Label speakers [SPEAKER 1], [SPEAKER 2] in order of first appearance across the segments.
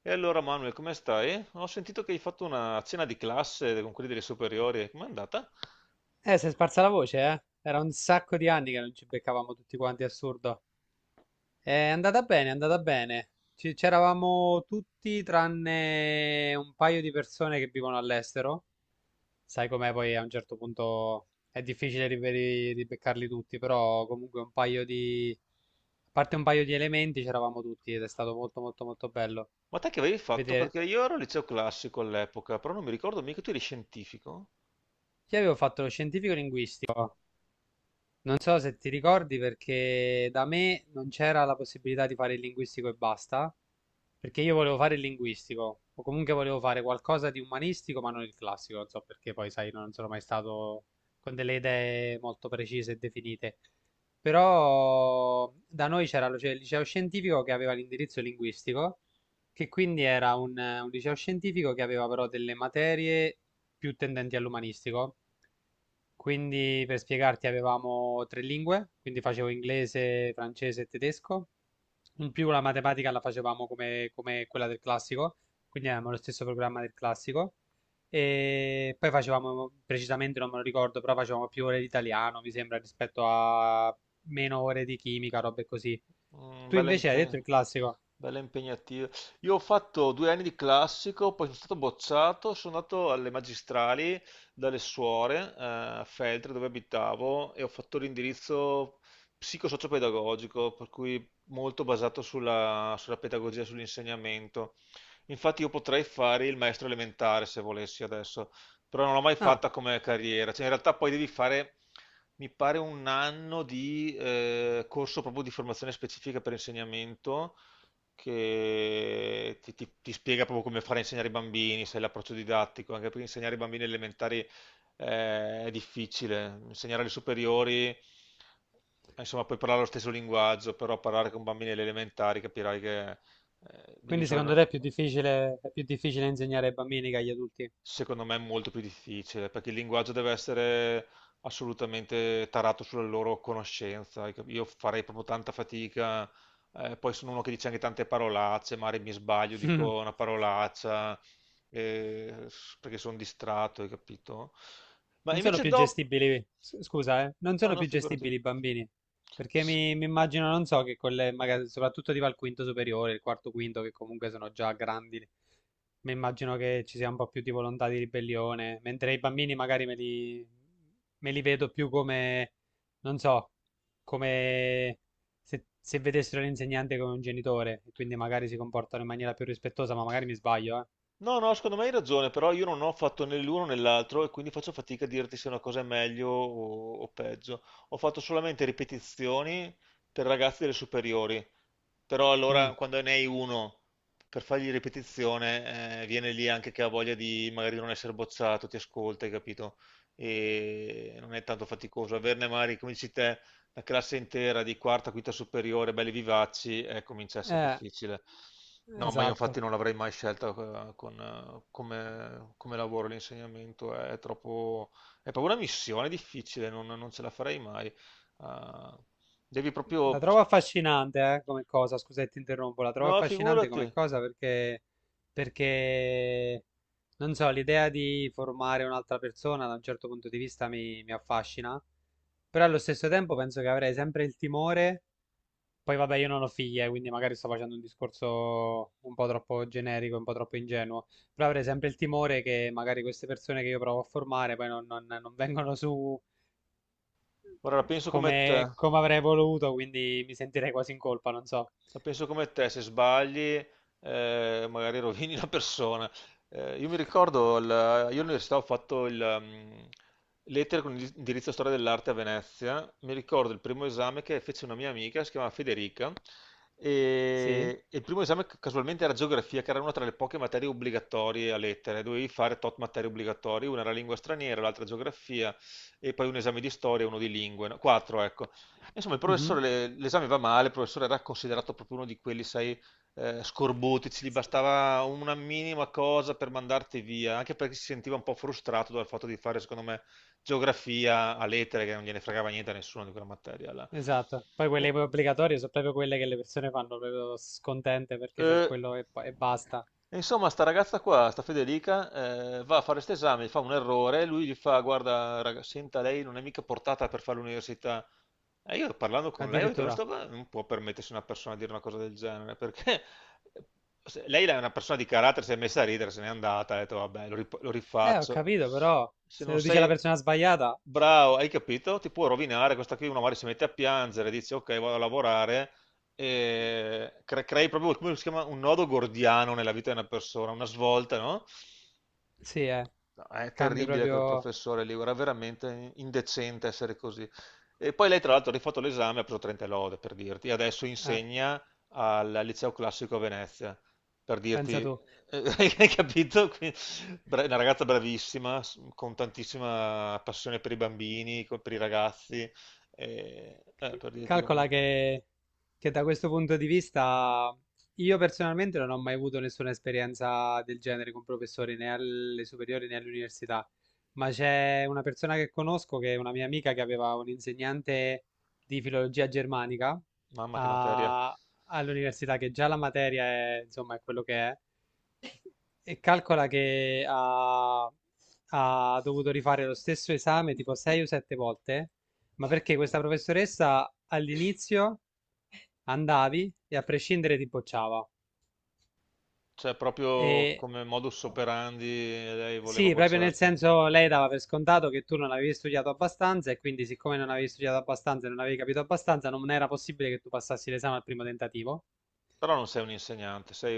[SPEAKER 1] E allora Manuel, come stai? Ho sentito che hai fatto una cena di classe con quelli delle superiori, com'è andata?
[SPEAKER 2] Si è sparsa la voce, eh? Era un sacco di anni che non ci beccavamo tutti quanti, assurdo. È andata bene, è andata bene. C'eravamo tutti tranne un paio di persone che vivono all'estero. Sai com'è poi a un certo punto è difficile di beccarli tutti, però comunque un paio di... A parte un paio di elementi c'eravamo tutti ed è stato molto molto molto bello
[SPEAKER 1] Ma te che avevi fatto?
[SPEAKER 2] vedere.
[SPEAKER 1] Perché io ero al liceo classico all'epoca, però non mi ricordo, mica tu eri scientifico?
[SPEAKER 2] Io avevo fatto lo scientifico linguistico. Non so se ti ricordi perché da me non c'era la possibilità di fare il linguistico e basta, perché io volevo fare il linguistico o comunque volevo fare qualcosa di umanistico ma non il classico, non so perché poi sai, non sono mai stato con delle idee molto precise e definite. Però da noi c'era cioè, il liceo scientifico che aveva l'indirizzo linguistico, che quindi era un liceo scientifico che aveva però delle materie più tendenti all'umanistico. Quindi per spiegarti avevamo tre lingue, quindi facevo inglese, francese e tedesco. In più la matematica la facevamo come quella del classico, quindi avevamo lo stesso programma del classico. E poi facevamo, precisamente non me lo ricordo, però facevamo più ore di italiano, mi sembra, rispetto a meno ore di chimica, robe così.
[SPEAKER 1] Mm,
[SPEAKER 2] Tu invece hai detto il classico.
[SPEAKER 1] bella impegnativa. Io ho fatto 2 anni di classico, poi sono stato bocciato, sono andato alle magistrali dalle suore, a Feltre dove abitavo, e ho fatto l'indirizzo psicosociopedagogico, per cui molto basato sulla pedagogia, sull'insegnamento. Infatti io potrei fare il maestro elementare se volessi adesso, però non l'ho mai
[SPEAKER 2] Ah,
[SPEAKER 1] fatta come carriera. Cioè, in realtà poi devi fare, mi pare, un anno di corso proprio di formazione specifica per insegnamento che ti spiega proprio come fare a insegnare i bambini, sai, l'approccio didattico, anche perché insegnare i bambini elementari, è difficile, insegnare alle superiori, insomma, puoi parlare lo stesso linguaggio, però parlare con bambini alle elementari capirai che, devi
[SPEAKER 2] quindi
[SPEAKER 1] usare
[SPEAKER 2] secondo te
[SPEAKER 1] una...
[SPEAKER 2] è più difficile insegnare ai bambini che agli adulti?
[SPEAKER 1] Secondo me è molto più difficile, perché il linguaggio deve essere assolutamente tarato sulla loro conoscenza. Io farei proprio tanta fatica, poi sono uno che dice anche tante parolacce, magari mi sbaglio, dico una parolaccia, perché sono distratto, hai capito? Ma
[SPEAKER 2] Non sono
[SPEAKER 1] invece
[SPEAKER 2] più
[SPEAKER 1] dopo...
[SPEAKER 2] gestibili, scusa, non
[SPEAKER 1] No,
[SPEAKER 2] sono
[SPEAKER 1] no,
[SPEAKER 2] più
[SPEAKER 1] figurati.
[SPEAKER 2] gestibili i bambini, perché mi immagino, non so, che con le, magari, soprattutto tipo al quinto superiore, il quarto quinto, che comunque sono già grandi, mi immagino che ci sia un po' più di volontà di ribellione, mentre i bambini magari me li vedo più come, non so, come se vedessero l'insegnante come un genitore, e quindi magari si comportano in maniera più rispettosa, ma magari mi sbaglio, eh.
[SPEAKER 1] No, no, secondo me hai ragione, però io non ho fatto né l'uno né l'altro e quindi faccio fatica a dirti se una cosa è meglio o peggio. Ho fatto solamente ripetizioni per ragazzi delle superiori, però
[SPEAKER 2] Mm.
[SPEAKER 1] allora quando ne hai uno per fargli ripetizione, viene lì anche che ha voglia di magari non essere bocciato, ti ascolta, hai capito? E non è tanto faticoso. Averne magari, come dici te, la classe intera di quarta, quinta superiore, belli vivaci, comincia a essere
[SPEAKER 2] Eh,
[SPEAKER 1] difficile. No, ma io
[SPEAKER 2] esatto.
[SPEAKER 1] infatti non l'avrei mai scelta, con, come, come lavoro l'insegnamento, è troppo, è proprio una missione difficile, non ce la farei mai. Ah, devi
[SPEAKER 2] La
[SPEAKER 1] proprio...
[SPEAKER 2] trovo affascinante, come cosa, scusa se ti interrompo, la trovo
[SPEAKER 1] No,
[SPEAKER 2] affascinante
[SPEAKER 1] figurati,
[SPEAKER 2] come cosa perché, perché, non so, l'idea di formare un'altra persona da un certo punto di vista mi affascina, però allo stesso tempo penso che avrei sempre il timore, poi vabbè io non ho figlie, quindi magari sto facendo un discorso un po' troppo generico, un po' troppo ingenuo, però avrei sempre il timore che magari queste persone che io provo a formare poi non vengono su
[SPEAKER 1] ora la penso come te.
[SPEAKER 2] come, come avrei voluto, quindi mi sentirei quasi in colpa, non so.
[SPEAKER 1] La penso come te, se sbagli, magari rovini la persona. Io mi ricordo, io all'università ho fatto il lettere con indirizzo storia dell'arte a Venezia. Mi ricordo il primo esame che fece una mia amica, si chiamava Federica,
[SPEAKER 2] Sì,
[SPEAKER 1] e il primo esame casualmente era geografia, che era una tra le poche materie obbligatorie a lettere. Dovevi fare tot materie obbligatorie, una era lingua straniera, l'altra geografia, e poi un esame di storia e uno di lingue, no? Quattro, ecco. Insomma, il professore,
[SPEAKER 2] Mhm.
[SPEAKER 1] l'esame va male, il professore era considerato proprio uno di quelli, sai, scorbutici, gli
[SPEAKER 2] s-
[SPEAKER 1] bastava una minima cosa per mandarti via, anche perché si sentiva un po' frustrato dal fatto di fare, secondo me, geografia a lettere, che non gliene fregava niente a nessuno di quella materia là.
[SPEAKER 2] esatto. Poi quelle
[SPEAKER 1] E-
[SPEAKER 2] obbligatorie sono proprio quelle che le persone fanno proprio scontente perché c'è
[SPEAKER 1] eh,
[SPEAKER 2] quello e basta.
[SPEAKER 1] Insomma, sta ragazza qua, sta Federica, va a fare questo esame, fa un errore, lui gli fa, guarda, raga, senta, lei non è mica portata per fare l'università. E io parlando con lei ho detto, ma
[SPEAKER 2] Addirittura.
[SPEAKER 1] sto qua non può permettersi una persona di dire una cosa del genere, perché lei è una persona di carattere, si è messa a ridere, se n'è andata, ha detto, vabbè, lo
[SPEAKER 2] Ho
[SPEAKER 1] rifaccio.
[SPEAKER 2] capito, però
[SPEAKER 1] Se
[SPEAKER 2] se
[SPEAKER 1] non
[SPEAKER 2] lo dice la
[SPEAKER 1] sei
[SPEAKER 2] persona sbagliata,
[SPEAKER 1] bravo, hai capito? Ti può rovinare, questa qui uno magari si mette a piangere, dice, ok, vado a lavorare, e crei proprio, come si chiama, un nodo gordiano nella vita di una persona, una svolta, no?
[SPEAKER 2] sì,
[SPEAKER 1] No, è
[SPEAKER 2] cambi
[SPEAKER 1] terribile quel
[SPEAKER 2] proprio...
[SPEAKER 1] professore lì, era veramente indecente essere così. E poi lei, tra l'altro, ha rifatto l'esame e ha preso 30 e lode, per dirti, e adesso
[SPEAKER 2] Eh,
[SPEAKER 1] insegna al Liceo Classico a Venezia, per
[SPEAKER 2] pensa
[SPEAKER 1] dirti,
[SPEAKER 2] tu.
[SPEAKER 1] hai capito? Quindi, una ragazza bravissima, con tantissima passione per i bambini, per i ragazzi, per dirti
[SPEAKER 2] Calcola
[SPEAKER 1] comunque,
[SPEAKER 2] che da questo punto di vista io personalmente non ho mai avuto nessuna esperienza del genere con professori né alle superiori né all'università, ma c'è una persona che conosco che è una mia amica che aveva un insegnante di filologia germanica
[SPEAKER 1] mamma che materia.
[SPEAKER 2] a- all'università che già la materia è, insomma, è quello che è e calcola che ha, ha dovuto rifare lo stesso esame tipo 6 o 7 volte, ma perché questa professoressa all'inizio andavi e a prescindere ti bocciava.
[SPEAKER 1] Cioè, proprio
[SPEAKER 2] E
[SPEAKER 1] come modus operandi lei voleva
[SPEAKER 2] sì, proprio nel
[SPEAKER 1] bocciarti.
[SPEAKER 2] senso lei dava per scontato che tu non avevi studiato abbastanza e quindi siccome non avevi studiato abbastanza e non avevi capito abbastanza, non era possibile che tu passassi l'esame al primo tentativo.
[SPEAKER 1] Però non sei un insegnante, sei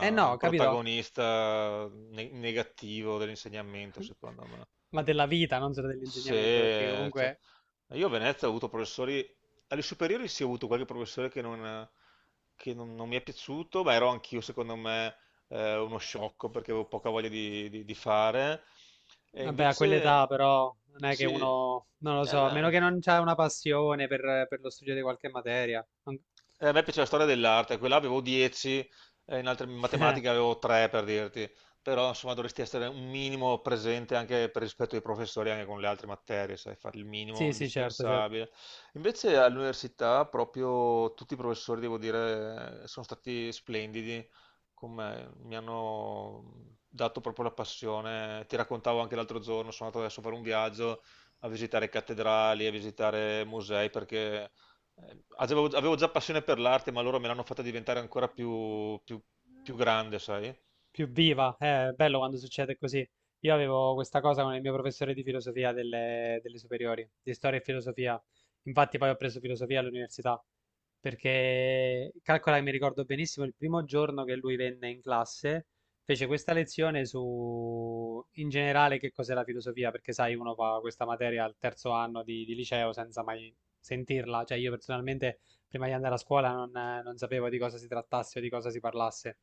[SPEAKER 2] Eh
[SPEAKER 1] un
[SPEAKER 2] no, capito?
[SPEAKER 1] protagonista negativo dell'insegnamento, secondo me.
[SPEAKER 2] Ma della vita, non solo dell'insegnamento, perché
[SPEAKER 1] Se, cioè,
[SPEAKER 2] comunque...
[SPEAKER 1] io a Venezia ho avuto professori, alle superiori sì, ho avuto qualche professore che non- non mi è piaciuto, ma ero anch'io, secondo me, uno sciocco perché avevo poca voglia di fare. E
[SPEAKER 2] Vabbè, a quell'età
[SPEAKER 1] invece,
[SPEAKER 2] però non è che
[SPEAKER 1] sì,
[SPEAKER 2] uno, non lo
[SPEAKER 1] eh
[SPEAKER 2] so, a meno
[SPEAKER 1] beh,
[SPEAKER 2] che non c'è una passione per lo studio di qualche materia.
[SPEAKER 1] eh, a me piaceva la storia dell'arte, quella avevo 10, in matematica avevo 3, per dirti, però insomma dovresti essere un minimo presente anche per rispetto ai professori, anche con le altre materie, sai, fare il minimo
[SPEAKER 2] Sì, sì, certo, certo.
[SPEAKER 1] indispensabile. Invece all'università proprio tutti i professori, devo dire, sono stati splendidi con me, mi hanno dato proprio la passione. Ti raccontavo anche l'altro giorno, sono andato adesso per un viaggio a visitare cattedrali, a visitare musei, perché avevo già passione per l'arte, ma loro me l'hanno fatta diventare ancora più grande, sai?
[SPEAKER 2] Più viva. È bello quando succede così. Io avevo questa cosa con il mio professore di filosofia delle, delle superiori, di storia e filosofia. Infatti poi ho preso filosofia all'università, perché calcola che mi ricordo benissimo il primo giorno che lui venne in classe, fece questa lezione su in generale che cos'è la filosofia, perché sai, uno fa questa materia al terzo anno di liceo senza mai sentirla. Cioè io personalmente prima di andare a scuola non sapevo di cosa si trattasse o di cosa si parlasse.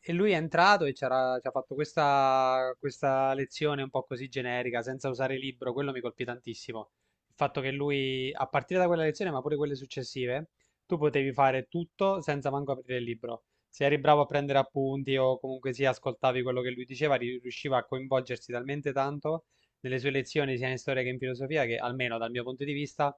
[SPEAKER 2] E lui è entrato e ci ha fatto questa, questa lezione un po' così generica, senza usare il libro, quello mi colpì tantissimo. Il fatto che lui, a partire da quella lezione, ma pure quelle successive, tu potevi fare tutto senza manco aprire il libro. Se eri bravo a prendere appunti o comunque sia ascoltavi quello che lui diceva, riusciva a coinvolgersi talmente tanto nelle sue lezioni, sia in storia che in filosofia, che almeno dal mio punto di vista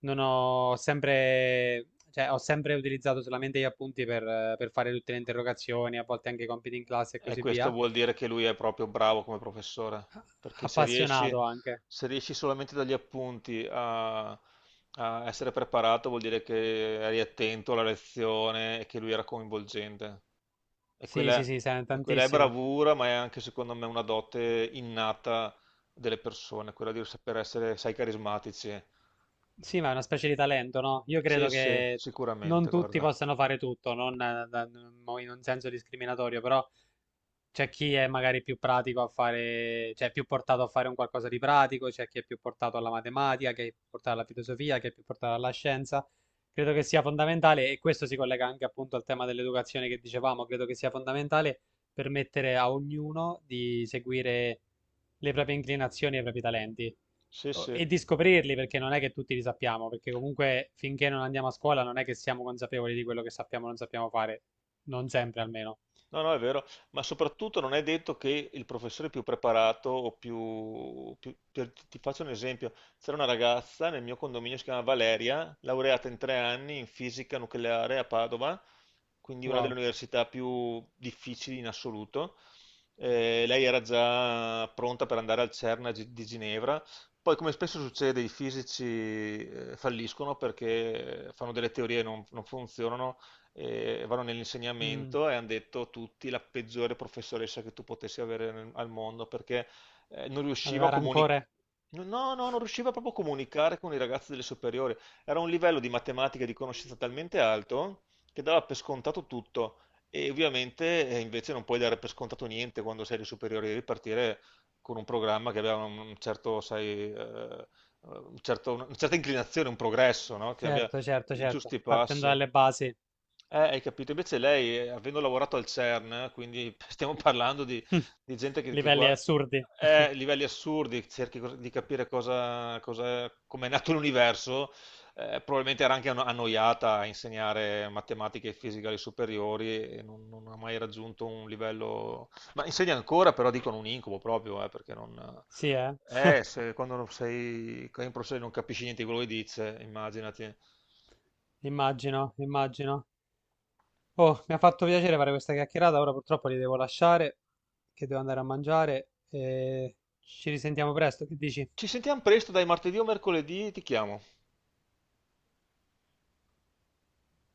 [SPEAKER 2] non ho sempre, cioè, ho sempre utilizzato solamente gli appunti per, per fare tutte le interrogazioni, a volte anche i compiti in classe e
[SPEAKER 1] E
[SPEAKER 2] così
[SPEAKER 1] questo
[SPEAKER 2] via.
[SPEAKER 1] vuol dire che lui è proprio bravo come professore, perché
[SPEAKER 2] Appassionato anche.
[SPEAKER 1] se riesci solamente dagli appunti a, a essere preparato, vuol dire che eri attento alla lezione e che lui era coinvolgente. E
[SPEAKER 2] Sì, sì,
[SPEAKER 1] quella,
[SPEAKER 2] sì, sai,
[SPEAKER 1] e quella è
[SPEAKER 2] tantissimo.
[SPEAKER 1] bravura, ma è anche secondo me una dote innata delle persone, quella di saper essere, sai, carismatici.
[SPEAKER 2] Sì, ma è una specie di talento, no? Io
[SPEAKER 1] Sì,
[SPEAKER 2] credo
[SPEAKER 1] sì,
[SPEAKER 2] che non
[SPEAKER 1] sicuramente,
[SPEAKER 2] tutti
[SPEAKER 1] guarda.
[SPEAKER 2] possano fare tutto, non in un senso discriminatorio, però c'è chi è magari più pratico a fare, cioè più portato a fare un qualcosa di pratico, c'è chi è più portato alla matematica, chi è più portato alla filosofia, chi è più portato alla scienza. Credo che sia fondamentale, e questo si collega anche appunto al tema dell'educazione che dicevamo, credo che sia fondamentale permettere a ognuno di seguire le proprie inclinazioni e i propri talenti
[SPEAKER 1] Sì, sì.
[SPEAKER 2] e di scoprirli perché non è che tutti li sappiamo, perché comunque finché non andiamo a scuola non è che siamo consapevoli di quello che sappiamo o non sappiamo fare, non sempre almeno.
[SPEAKER 1] No, no, è vero, ma soprattutto non è detto che il professore più preparato o più... ti faccio un esempio, c'era una ragazza nel mio condominio, si chiama Valeria, laureata in 3 anni in fisica nucleare a Padova, quindi una delle
[SPEAKER 2] Wow.
[SPEAKER 1] università più difficili in assoluto. Lei era già pronta per andare al CERN a di Ginevra. Poi, come spesso succede, i fisici, falliscono perché fanno delle teorie e non funzionano, vanno
[SPEAKER 2] Mm.
[SPEAKER 1] nell'insegnamento e hanno detto tutti la peggiore professoressa che tu potessi avere al mondo perché, non riusciva a
[SPEAKER 2] Aveva
[SPEAKER 1] comunicare.
[SPEAKER 2] rancore.
[SPEAKER 1] No, no, no, non riusciva proprio a comunicare con i ragazzi delle superiori. Era un livello di matematica e di conoscenza talmente alto che dava per scontato tutto. E ovviamente, invece non puoi dare per scontato niente quando sei alle superiori, devi partire con un programma che aveva un certo, sai, una certa inclinazione, un progresso, no? Che abbia
[SPEAKER 2] Certo, certo,
[SPEAKER 1] i
[SPEAKER 2] certo.
[SPEAKER 1] giusti
[SPEAKER 2] Partendo
[SPEAKER 1] passi.
[SPEAKER 2] dalle basi.
[SPEAKER 1] Hai capito? Invece lei, avendo lavorato al CERN, quindi stiamo parlando di gente che,
[SPEAKER 2] Livelli assurdi.
[SPEAKER 1] livelli assurdi, di capire cosa, cosa, come è nato l'universo, probabilmente era anche annoiata a insegnare matematica e fisica alle superiori e non ha mai raggiunto un livello... Ma insegna ancora, però dicono un incubo proprio, perché non...
[SPEAKER 2] Sì, eh.
[SPEAKER 1] Se, quando non sei in professore non capisci niente di quello che dice, immaginati.
[SPEAKER 2] Immagino, immagino. Oh, mi ha fatto piacere fare questa chiacchierata. Ora purtroppo li devo lasciare, che devo andare a mangiare. E ci risentiamo presto. Che dici?
[SPEAKER 1] Ci sentiamo presto, dai, martedì o mercoledì ti chiamo.